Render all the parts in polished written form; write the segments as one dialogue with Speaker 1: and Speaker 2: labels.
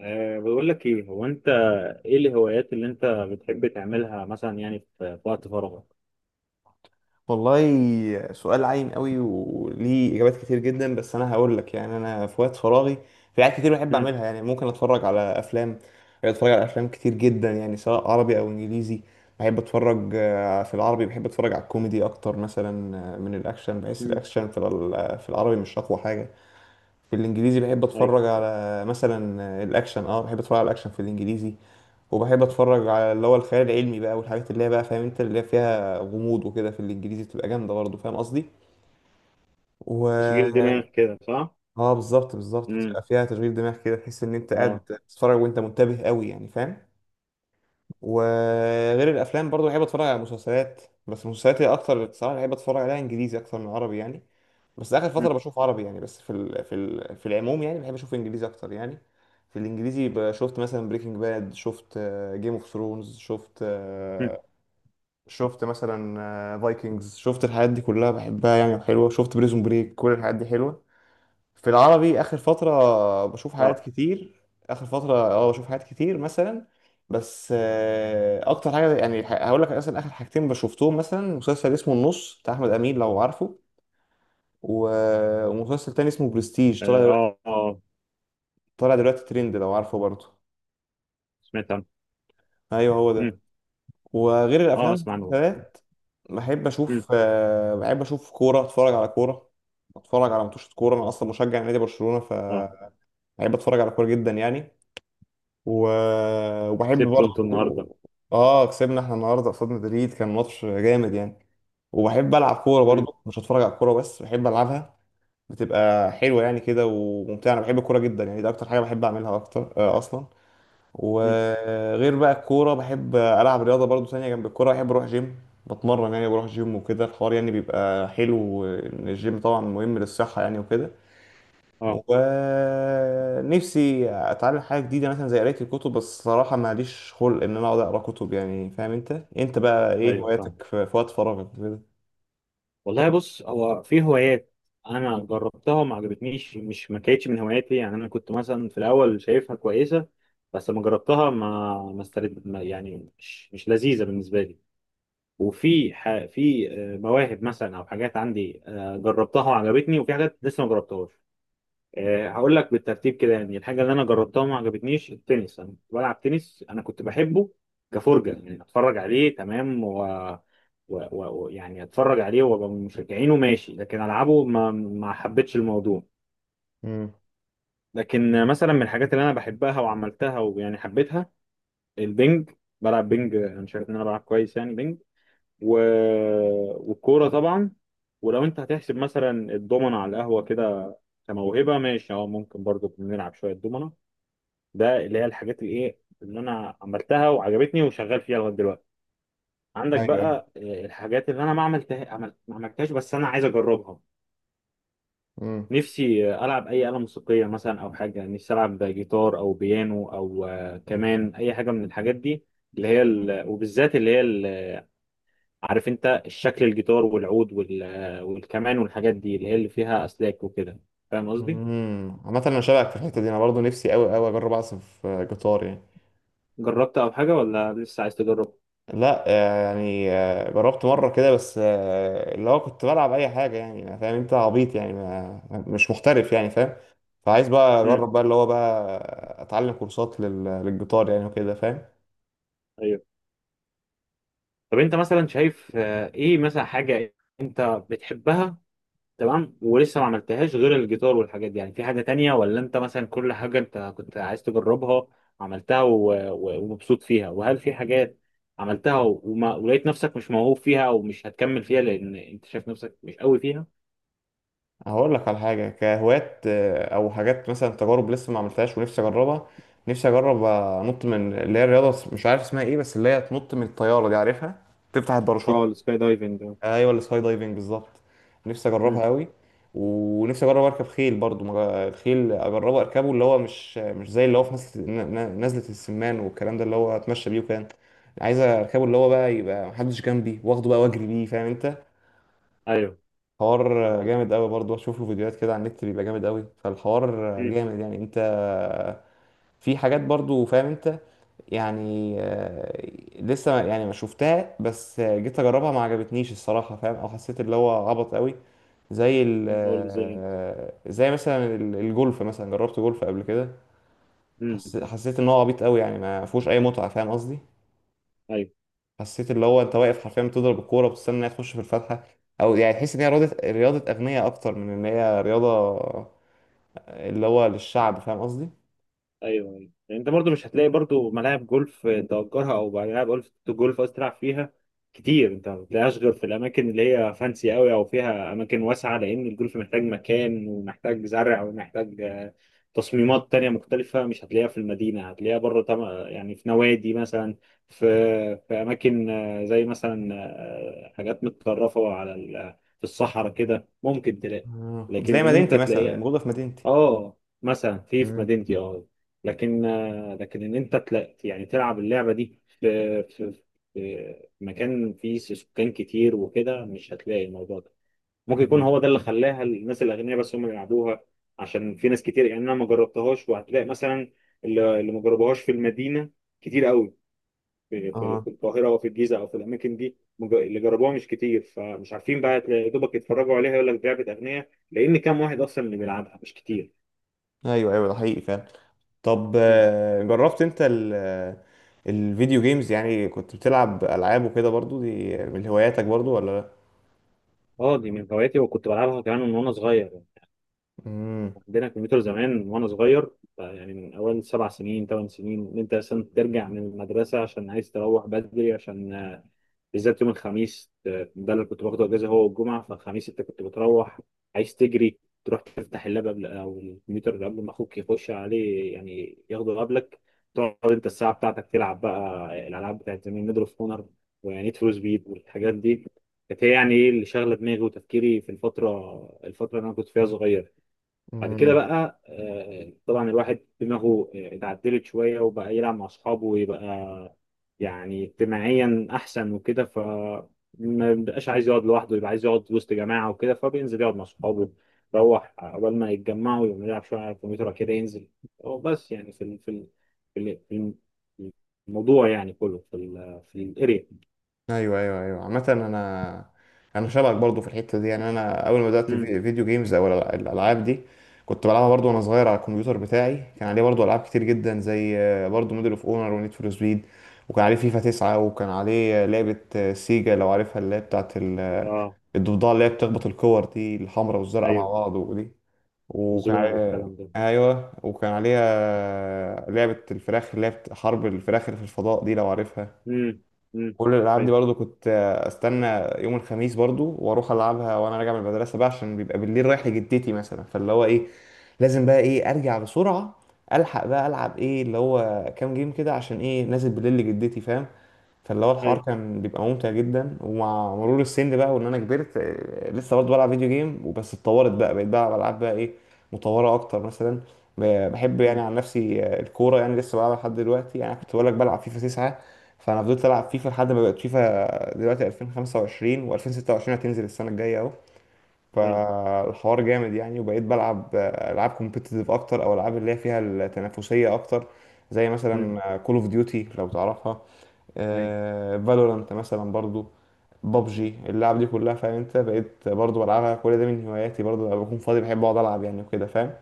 Speaker 1: بقول لك ايه. هو انت ايه الهوايات اللي انت بتحب تعملها مثلا؟ يعني في وقت فراغك.
Speaker 2: والله سؤال عايم قوي وليه اجابات كتير جدا، بس انا هقول لك. يعني انا في وقت فراغي في حاجات كتير بحب
Speaker 1: امم.
Speaker 2: اعملها. يعني ممكن اتفرج على افلام، اتفرج على افلام كتير جدا، يعني سواء عربي او انجليزي. بحب اتفرج في العربي بحب اتفرج على الكوميدي اكتر مثلا. من الاكشن بحس
Speaker 1: امم.
Speaker 2: الاكشن في العربي مش اقوى حاجه. في الانجليزي بحب
Speaker 1: ايوه،
Speaker 2: اتفرج على مثلا الاكشن. اه بحب اتفرج على الاكشن في الانجليزي. وبحب اتفرج على اللي هو الخيال العلمي بقى، والحاجات اللي هي بقى فاهم انت اللي هي فيها غموض وكده، في الانجليزي بتبقى جامده برضه، فاهم قصدي. و
Speaker 1: تشغيل دماغ كده، صح؟
Speaker 2: اه بالظبط بالظبط،
Speaker 1: امم.
Speaker 2: بتبقى فيها تشغيل دماغ كده، تحس ان انت قاعد
Speaker 1: اه.
Speaker 2: بتتفرج وانت منتبه قوي، يعني فاهم. وغير الافلام برضه بحب اتفرج على مسلسلات، بس المسلسلات هي اكتر الصراحه بحب اتفرج عليها انجليزي اكتر من عربي يعني. بس اخر
Speaker 1: مم.
Speaker 2: فتره بشوف عربي يعني، بس في العموم يعني بحب اشوف انجليزي اكتر يعني. في الانجليزي شفت مثلا بريكنج باد، شفت جيم اوف ثرونز، شفت
Speaker 1: مم.
Speaker 2: شفت مثلا فايكنجز، شفت الحاجات دي كلها بحبها يعني وحلوه، شفت بريزون بريك، كل الحاجات دي حلوه. في العربي اخر فتره بشوف
Speaker 1: اه.
Speaker 2: حاجات كتير، اخر فتره اه بشوف حاجات كتير مثلا، بس اكتر حاجه يعني هقول لك مثلا اخر حاجتين بشوفتهم، مثلا مسلسل اسمه النص بتاع احمد امين لو عارفه، ومسلسل تاني اسمه برستيج
Speaker 1: اه.
Speaker 2: طالع دلوقتي،
Speaker 1: اه. آه.
Speaker 2: طالع دلوقتي ترند لو عارفه برضه.
Speaker 1: سمعت عنه.
Speaker 2: ايوه هو ده.
Speaker 1: امم.
Speaker 2: وغير
Speaker 1: اه،
Speaker 2: الافلام
Speaker 1: اسمع عنه.
Speaker 2: والمسلسلات بحب
Speaker 1: امم.
Speaker 2: اشوف بحب اشوف كوره، اتفرج على كوره، اتفرج على ماتشات كوره. انا اصلا مشجع نادي برشلونه،
Speaker 1: اه،
Speaker 2: فبحب اتفرج على كوره جدا يعني. و... وبحب
Speaker 1: سبته انت
Speaker 2: برضه،
Speaker 1: النهارده؟
Speaker 2: اه كسبنا احنا النهارده قصاد مدريد، كان ماتش جامد يعني. وبحب العب كوره
Speaker 1: امم.
Speaker 2: برضه، مش هتفرج على الكوره بس، بحب العبها، بتبقى حلوه يعني كده وممتعه. انا بحب الكوره جدا يعني، ده اكتر حاجه بحب اعملها اكتر اصلا.
Speaker 1: امم.
Speaker 2: وغير بقى الكورة بحب ألعب رياضة برضو تانية جنب الكورة، بحب أروح جيم، بتمرن يعني، بروح جيم وكده. الحوار يعني بيبقى حلو، إن الجيم طبعا مهم للصحة يعني وكده.
Speaker 1: اه.
Speaker 2: ونفسي أتعلم حاجة جديدة مثلا زي قراية الكتب، بس صراحة ماليش خلق إن أنا أقعد أقرأ كتب، يعني فاهم أنت. أنت بقى إيه
Speaker 1: ايوه، فاهم.
Speaker 2: هواياتك في وقت فراغك كده؟
Speaker 1: والله بص، هو في هوايات انا جربتها وما عجبتنيش، مش ما كانتش من هواياتي. يعني انا كنت مثلا في الاول شايفها كويسه، بس لما جربتها ما استرد، ما يعني مش لذيذه بالنسبه لي. في مواهب مثلا او حاجات عندي جربتها وعجبتني، وفي حاجات لسه ما جربتهاش. هقول لك بالترتيب كده. يعني الحاجه اللي انا جربتها وما عجبتنيش التنس. انا كنت بلعب تنس، انا كنت بحبه كفرجه، يعني اتفرج عليه، تمام، يعني اتفرج عليه وابقى من مشجعينه، ماشي، لكن العبه ما حبيتش الموضوع.
Speaker 2: امم،
Speaker 1: لكن مثلا من الحاجات اللي انا بحبها وعملتها ويعني حبيتها، البنج. بلعب بنج، انا شايف ان انا بلعب كويس يعني بنج. و... والكوره طبعا. ولو انت هتحسب مثلا الضمنه على القهوه كده كموهبه، ماشي، اه، ممكن برضه بنلعب شويه دومنه. ده اللي هي الحاجات اللي ايه، اللي انا عملتها وعجبتني وشغال فيها لغايه دلوقتي. عندك
Speaker 2: ايوه،
Speaker 1: بقى الحاجات اللي انا ما عملتها، عملت ما عملتهاش بس انا عايز اجربها.
Speaker 2: امم،
Speaker 1: نفسي العب اي آلة موسيقية مثلا، او حاجة نفسي العب جيتار او بيانو او كمان اي حاجة من الحاجات دي، وبالذات عارف انت الشكل، الجيتار والعود والكمان والحاجات دي اللي هي اللي فيها اسلاك وكده، فاهم قصدي.
Speaker 2: امم، عامة أنا شبهك في الحتة دي، أنا برضو نفسي أوي أجرب أعزف جيتار يعني.
Speaker 1: جربت او حاجة ولا لسه عايز تجرب؟
Speaker 2: لا يعني جربت مرة كده، بس اللي هو كنت بلعب أي حاجة يعني، ما فاهم أنت عبيط يعني، ما مش محترف يعني فاهم. فعايز بقى
Speaker 1: امم.
Speaker 2: أجرب بقى اللي هو بقى أتعلم كورسات للجيتار يعني وكده فاهم.
Speaker 1: طب انت مثلا شايف ايه مثلا حاجة انت بتحبها، تمام، ولسه ما عملتهاش غير الجيتار والحاجات دي؟ يعني في حاجة تانية، ولا انت مثلا كل حاجة انت كنت عايز تجربها عملتها ومبسوط فيها، وهل في حاجات عملتها ولقيت نفسك مش موهوب فيها او مش هتكمل فيها لان انت شايف نفسك مش قوي فيها؟
Speaker 2: هقول لك على حاجة كهوايات، أو حاجات مثلا تجارب لسه ما عملتهاش ونفسي أجربها. نفسي أجرب أنط من اللي هي الرياضة، مش عارف اسمها إيه، بس اللي هي تنط من الطيارة دي، عارفها، تفتح
Speaker 1: اه،
Speaker 2: الباراشوت.
Speaker 1: السكاي دايفنج ده.
Speaker 2: ايوه السكاي دايفنج بالظبط، نفسي
Speaker 1: امم.
Speaker 2: اجربها قوي. ونفسي اجرب اركب خيل برضو، الخيل اجربه اركبه اللي هو مش زي اللي هو في نزله نزلة السمان والكلام ده، اللي هو اتمشى بيه وكان عايز اركبه اللي هو بقى يبقى محدش جنبي، واخده بقى واجري بيه فاهم انت.
Speaker 1: ايوه، فاهم
Speaker 2: حوار
Speaker 1: قصدك.
Speaker 2: جامد قوي برضو، اشوف له فيديوهات كده على النت بيبقى جامد قوي، فالحوار
Speaker 1: امم.
Speaker 2: جامد يعني انت. في حاجات برضو فاهم انت يعني لسه يعني ما شفتها، بس جيت اجربها ما عجبتنيش الصراحه فاهم، او حسيت اللي هو عبط قوي، زي ال
Speaker 1: قول لي زي انت.
Speaker 2: آه، زي مثلا الجولف مثلا، جربت جولف قبل كده.
Speaker 1: امم.
Speaker 2: حسيت ان هو عبيط قوي يعني، ما فيهوش اي متعه فاهم قصدي.
Speaker 1: ايوه،
Speaker 2: حسيت اللي هو انت واقف حرفيا بتضرب الكوره وبتستنى انها تخش في الفتحه، او يعني تحس ان هي رياضه اغنياء اكتر من ان هي رياضه اللي هو للشعب فاهم قصدي.
Speaker 1: ايوه، ايوه. يعني انت برضو مش هتلاقي برضو ملاعب جولف تأجرها، او ملاعب جولف، جولف قصدي، تلعب فيها كتير. انت ما بتلاقيهاش غير في الاماكن اللي هي فانسي قوي، او فيها اماكن واسعه، لان الجولف محتاج مكان، ومحتاج زرع، ومحتاج تصميمات تانية مختلفة. مش هتلاقيها في المدينة، هتلاقيها بره. يعني في نوادي مثلا، في في أماكن زي مثلا حاجات متطرفة على في الصحراء كده ممكن تلاقي.
Speaker 2: مم،
Speaker 1: لكن
Speaker 2: زي
Speaker 1: إن أنت
Speaker 2: مدينتي مثلا يعني
Speaker 1: تلاقي،
Speaker 2: موجوده في مدينتي.
Speaker 1: اه مثلا في مدينتي، اه، لكن لكن ان انت يعني تلعب اللعبه دي في في مكان فيه سكان كتير وكده، مش هتلاقي الموضوع ده. ممكن يكون
Speaker 2: مم.
Speaker 1: هو ده اللي خلاها الناس الاغنياء بس هم اللي يلعبوها، عشان في ناس كتير يعني انا ما جربتهاش. وهتلاقي مثلا اللي ما جربوهاش في المدينه كتير قوي،
Speaker 2: اه
Speaker 1: في القاهره او في الجيزه او في الاماكن دي. اللي جربوها مش كتير، فمش عارفين بقى. تلاقي يا دوبك يتفرجوا عليها، يقول لك لعبه اغنياء، لان كام واحد اصلا اللي بيلعبها؟ مش كتير.
Speaker 2: ايوه ايوه، ده حقيقي فعلا. طب جربت انت ال آه، الفيديو جيمز؟ يعني كنت بتلعب العاب وكده برضو؟ دي من هواياتك برضو ولا لا؟
Speaker 1: اه، دي من هواياتي، وكنت بلعبها كمان من وانا صغير يعني.
Speaker 2: امم،
Speaker 1: عندنا كمبيوتر زمان من وانا صغير. يعني من اول 7 سنين 8 سنين، ان انت اصلا ترجع من المدرسه عشان عايز تروح بدري، عشان بالذات يوم الخميس، ده اللي كنت باخده اجازه هو والجمعه. فالخميس انت كنت بتروح عايز تجري، تروح تفتح اللاب قبل، او الكمبيوتر قبل ما اخوك يخش عليه، يعني ياخده قبلك. تقعد انت الساعه بتاعتك تلعب بقى الالعاب بتاعت زمان، ميدل اوف اونر ونيد فور سبيد والحاجات دي. كانت هي يعني ايه اللي شاغله دماغي وتفكيري في الفتره اللي انا كنت فيها صغير. بعد كده
Speaker 2: امم،
Speaker 1: بقى طبعا الواحد دماغه اتعدلت شوية، وبقى يلعب مع أصحابه، ويبقى يعني اجتماعيا أحسن وكده. ف ما بقاش عايز يقعد لوحده، يبقى عايز يقعد وسط جماعة وكده، فبينزل يقعد مع أصحابه، يروح قبل ما يتجمعوا، يقوم يلعب شوية على الكمبيوتر كده، ينزل هو. بس يعني في ال- في ال- الموضوع يعني كله في ال، في الاريا.
Speaker 2: ايوه ايوه ايوه. عامه انا شبهك برضو في الحته دي يعني. انا اول ما بدات في
Speaker 1: امم.
Speaker 2: فيديو جيمز او الالعاب دي كنت بلعبها برضو وانا صغير. على الكمبيوتر بتاعي كان عليه برضو العاب كتير جدا، زي برضو موديل اوف اونر ونيد فور سبيد، وكان عليه فيفا 9، وكان عليه لعبه سيجا لو عارفها، اللي هي بتاعت
Speaker 1: اه.
Speaker 2: الضفدعة اللي هي بتخبط الكور دي الحمراء والزرقاء مع
Speaker 1: ايوه،
Speaker 2: بعض، ودي وكان
Speaker 1: وزوما
Speaker 2: عليها،
Speaker 1: والكلام ده.
Speaker 2: أيوة وكان عليها لعبة الفراخ اللي هي حرب الفراخ اللي في الفضاء دي لو عارفها.
Speaker 1: امم. امم.
Speaker 2: كل الالعاب دي
Speaker 1: ايوه،
Speaker 2: برضو كنت استنى يوم الخميس برضو واروح العبها وانا راجع من المدرسه بقى، عشان بيبقى بالليل رايح لجدتي مثلا، فاللي هو ايه لازم بقى ايه ارجع بسرعه، الحق بقى العب ايه اللي هو كام جيم كده، عشان ايه نازل بالليل لجدتي فاهم. فاللي هو الحوار
Speaker 1: ايوه.
Speaker 2: كان بيبقى ممتع جدا. ومع مرور السن بقى وان انا كبرت لسه برضه بلعب فيديو جيم، وبس اتطورت بقى، بقيت بلعب العاب بقى ايه مطوره اكتر مثلا. بحب يعني
Speaker 1: امم.
Speaker 2: عن نفسي الكوره يعني لسه بلعبها لحد دلوقتي. يعني كنت بقول لك بلعب فيفا 9، فانا فضلت العب فيفا لحد ما بقت فيفا دلوقتي 2025، و2026 هتنزل السنه الجايه اهو.
Speaker 1: ايوه.
Speaker 2: فالحوار جامد يعني، وبقيت بلعب العاب كومبيتيتيف اكتر، او العاب اللي هي فيها التنافسيه اكتر، زي
Speaker 1: امم.
Speaker 2: مثلا كول اوف ديوتي لو تعرفها، فالورانت مثلا برضو،
Speaker 1: مم.
Speaker 2: بابجي، اللعب دي كلها فاهم انت، بقيت برضو بلعبها. كل ده من هواياتي برضو، لما بكون فاضي بحب اقعد العب يعني وكده فاهم.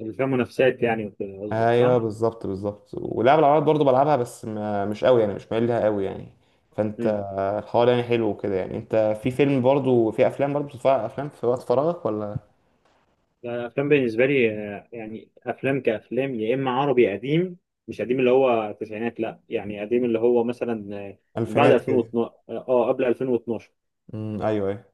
Speaker 1: اللي فيها منافسات يعني وكده قصدك،
Speaker 2: ايوه
Speaker 1: صح؟
Speaker 2: بالظبط بالظبط. ولعب العربيات برضو بلعبها، بس ما مش قوي يعني، مش مايل لها قوي يعني. فانت
Speaker 1: مم.
Speaker 2: الحوار يعني حلو وكده يعني انت. في فيلم برضو في افلام برضو بتتفرج على افلام في وقت فراغك ولا؟
Speaker 1: الأفلام بالنسبة لي يعني أفلام كأفلام، يا إما عربي قديم، مش قديم اللي هو التسعينات، لا، يعني قديم اللي هو مثلا من بعد
Speaker 2: الفينات كده،
Speaker 1: 2012، اه، قبل 2012،
Speaker 2: ايوه ايوه،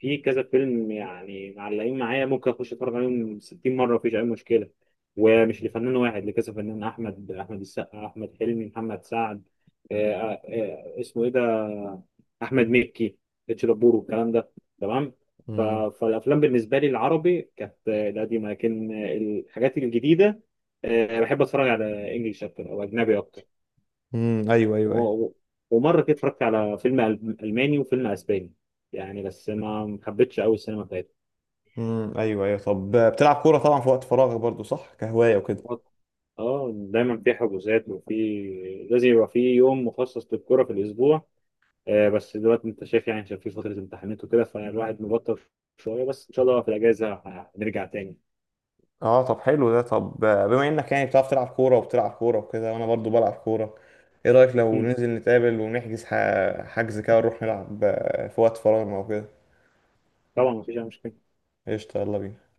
Speaker 1: في كذا فيلم يعني معلقين معايا، ممكن اخش اتفرج عليهم 60 مره، مفيش اي مشكله. ومش لفنان واحد، لكذا فنان، احمد السقا، احمد حلمي، محمد سعد، آه، آه، اسمه ايه ده، احمد مكي، اتش دبور والكلام ده، تمام. ف-
Speaker 2: امم،
Speaker 1: فالافلام بالنسبه لي العربي كانت القديمه، لكن الحاجات الجديده بحب اتفرج على انجلش اكتر، او اجنبي اكتر.
Speaker 2: أمم، ايوه ايوه
Speaker 1: و-
Speaker 2: ايوه،
Speaker 1: و- ومره كده اتفرجت على فيلم الماني وفيلم اسباني، يعني، بس ما حبيتش قوي السينما بتاعتهم.
Speaker 2: امم، ايوه ايوه. طب بتلعب كوره طبعا في وقت فراغك برضو صح، كهوايه وكده.
Speaker 1: اه، دايما في حجوزات، وفي لازم يبقى في يوم مخصص للكرة في الأسبوع. آه بس دلوقتي أنت شايف يعني، عشان في فترة امتحانات وكده، فالواحد مبطل شوية، بس إن شاء الله في الأجازة هنرجع تاني.
Speaker 2: اه طب حلو ده. طب بما انك يعني بتعرف تلعب كوره وبتلعب كوره وكده، وانا برضو بلعب كوره، ايه رايك لو
Speaker 1: مم.
Speaker 2: ننزل نتقابل ونحجز حجز كده ونروح نلعب في وقت فراغنا وكده؟
Speaker 1: طبعا، مفيش أي مشكلة.
Speaker 2: قشطة يلا بينا.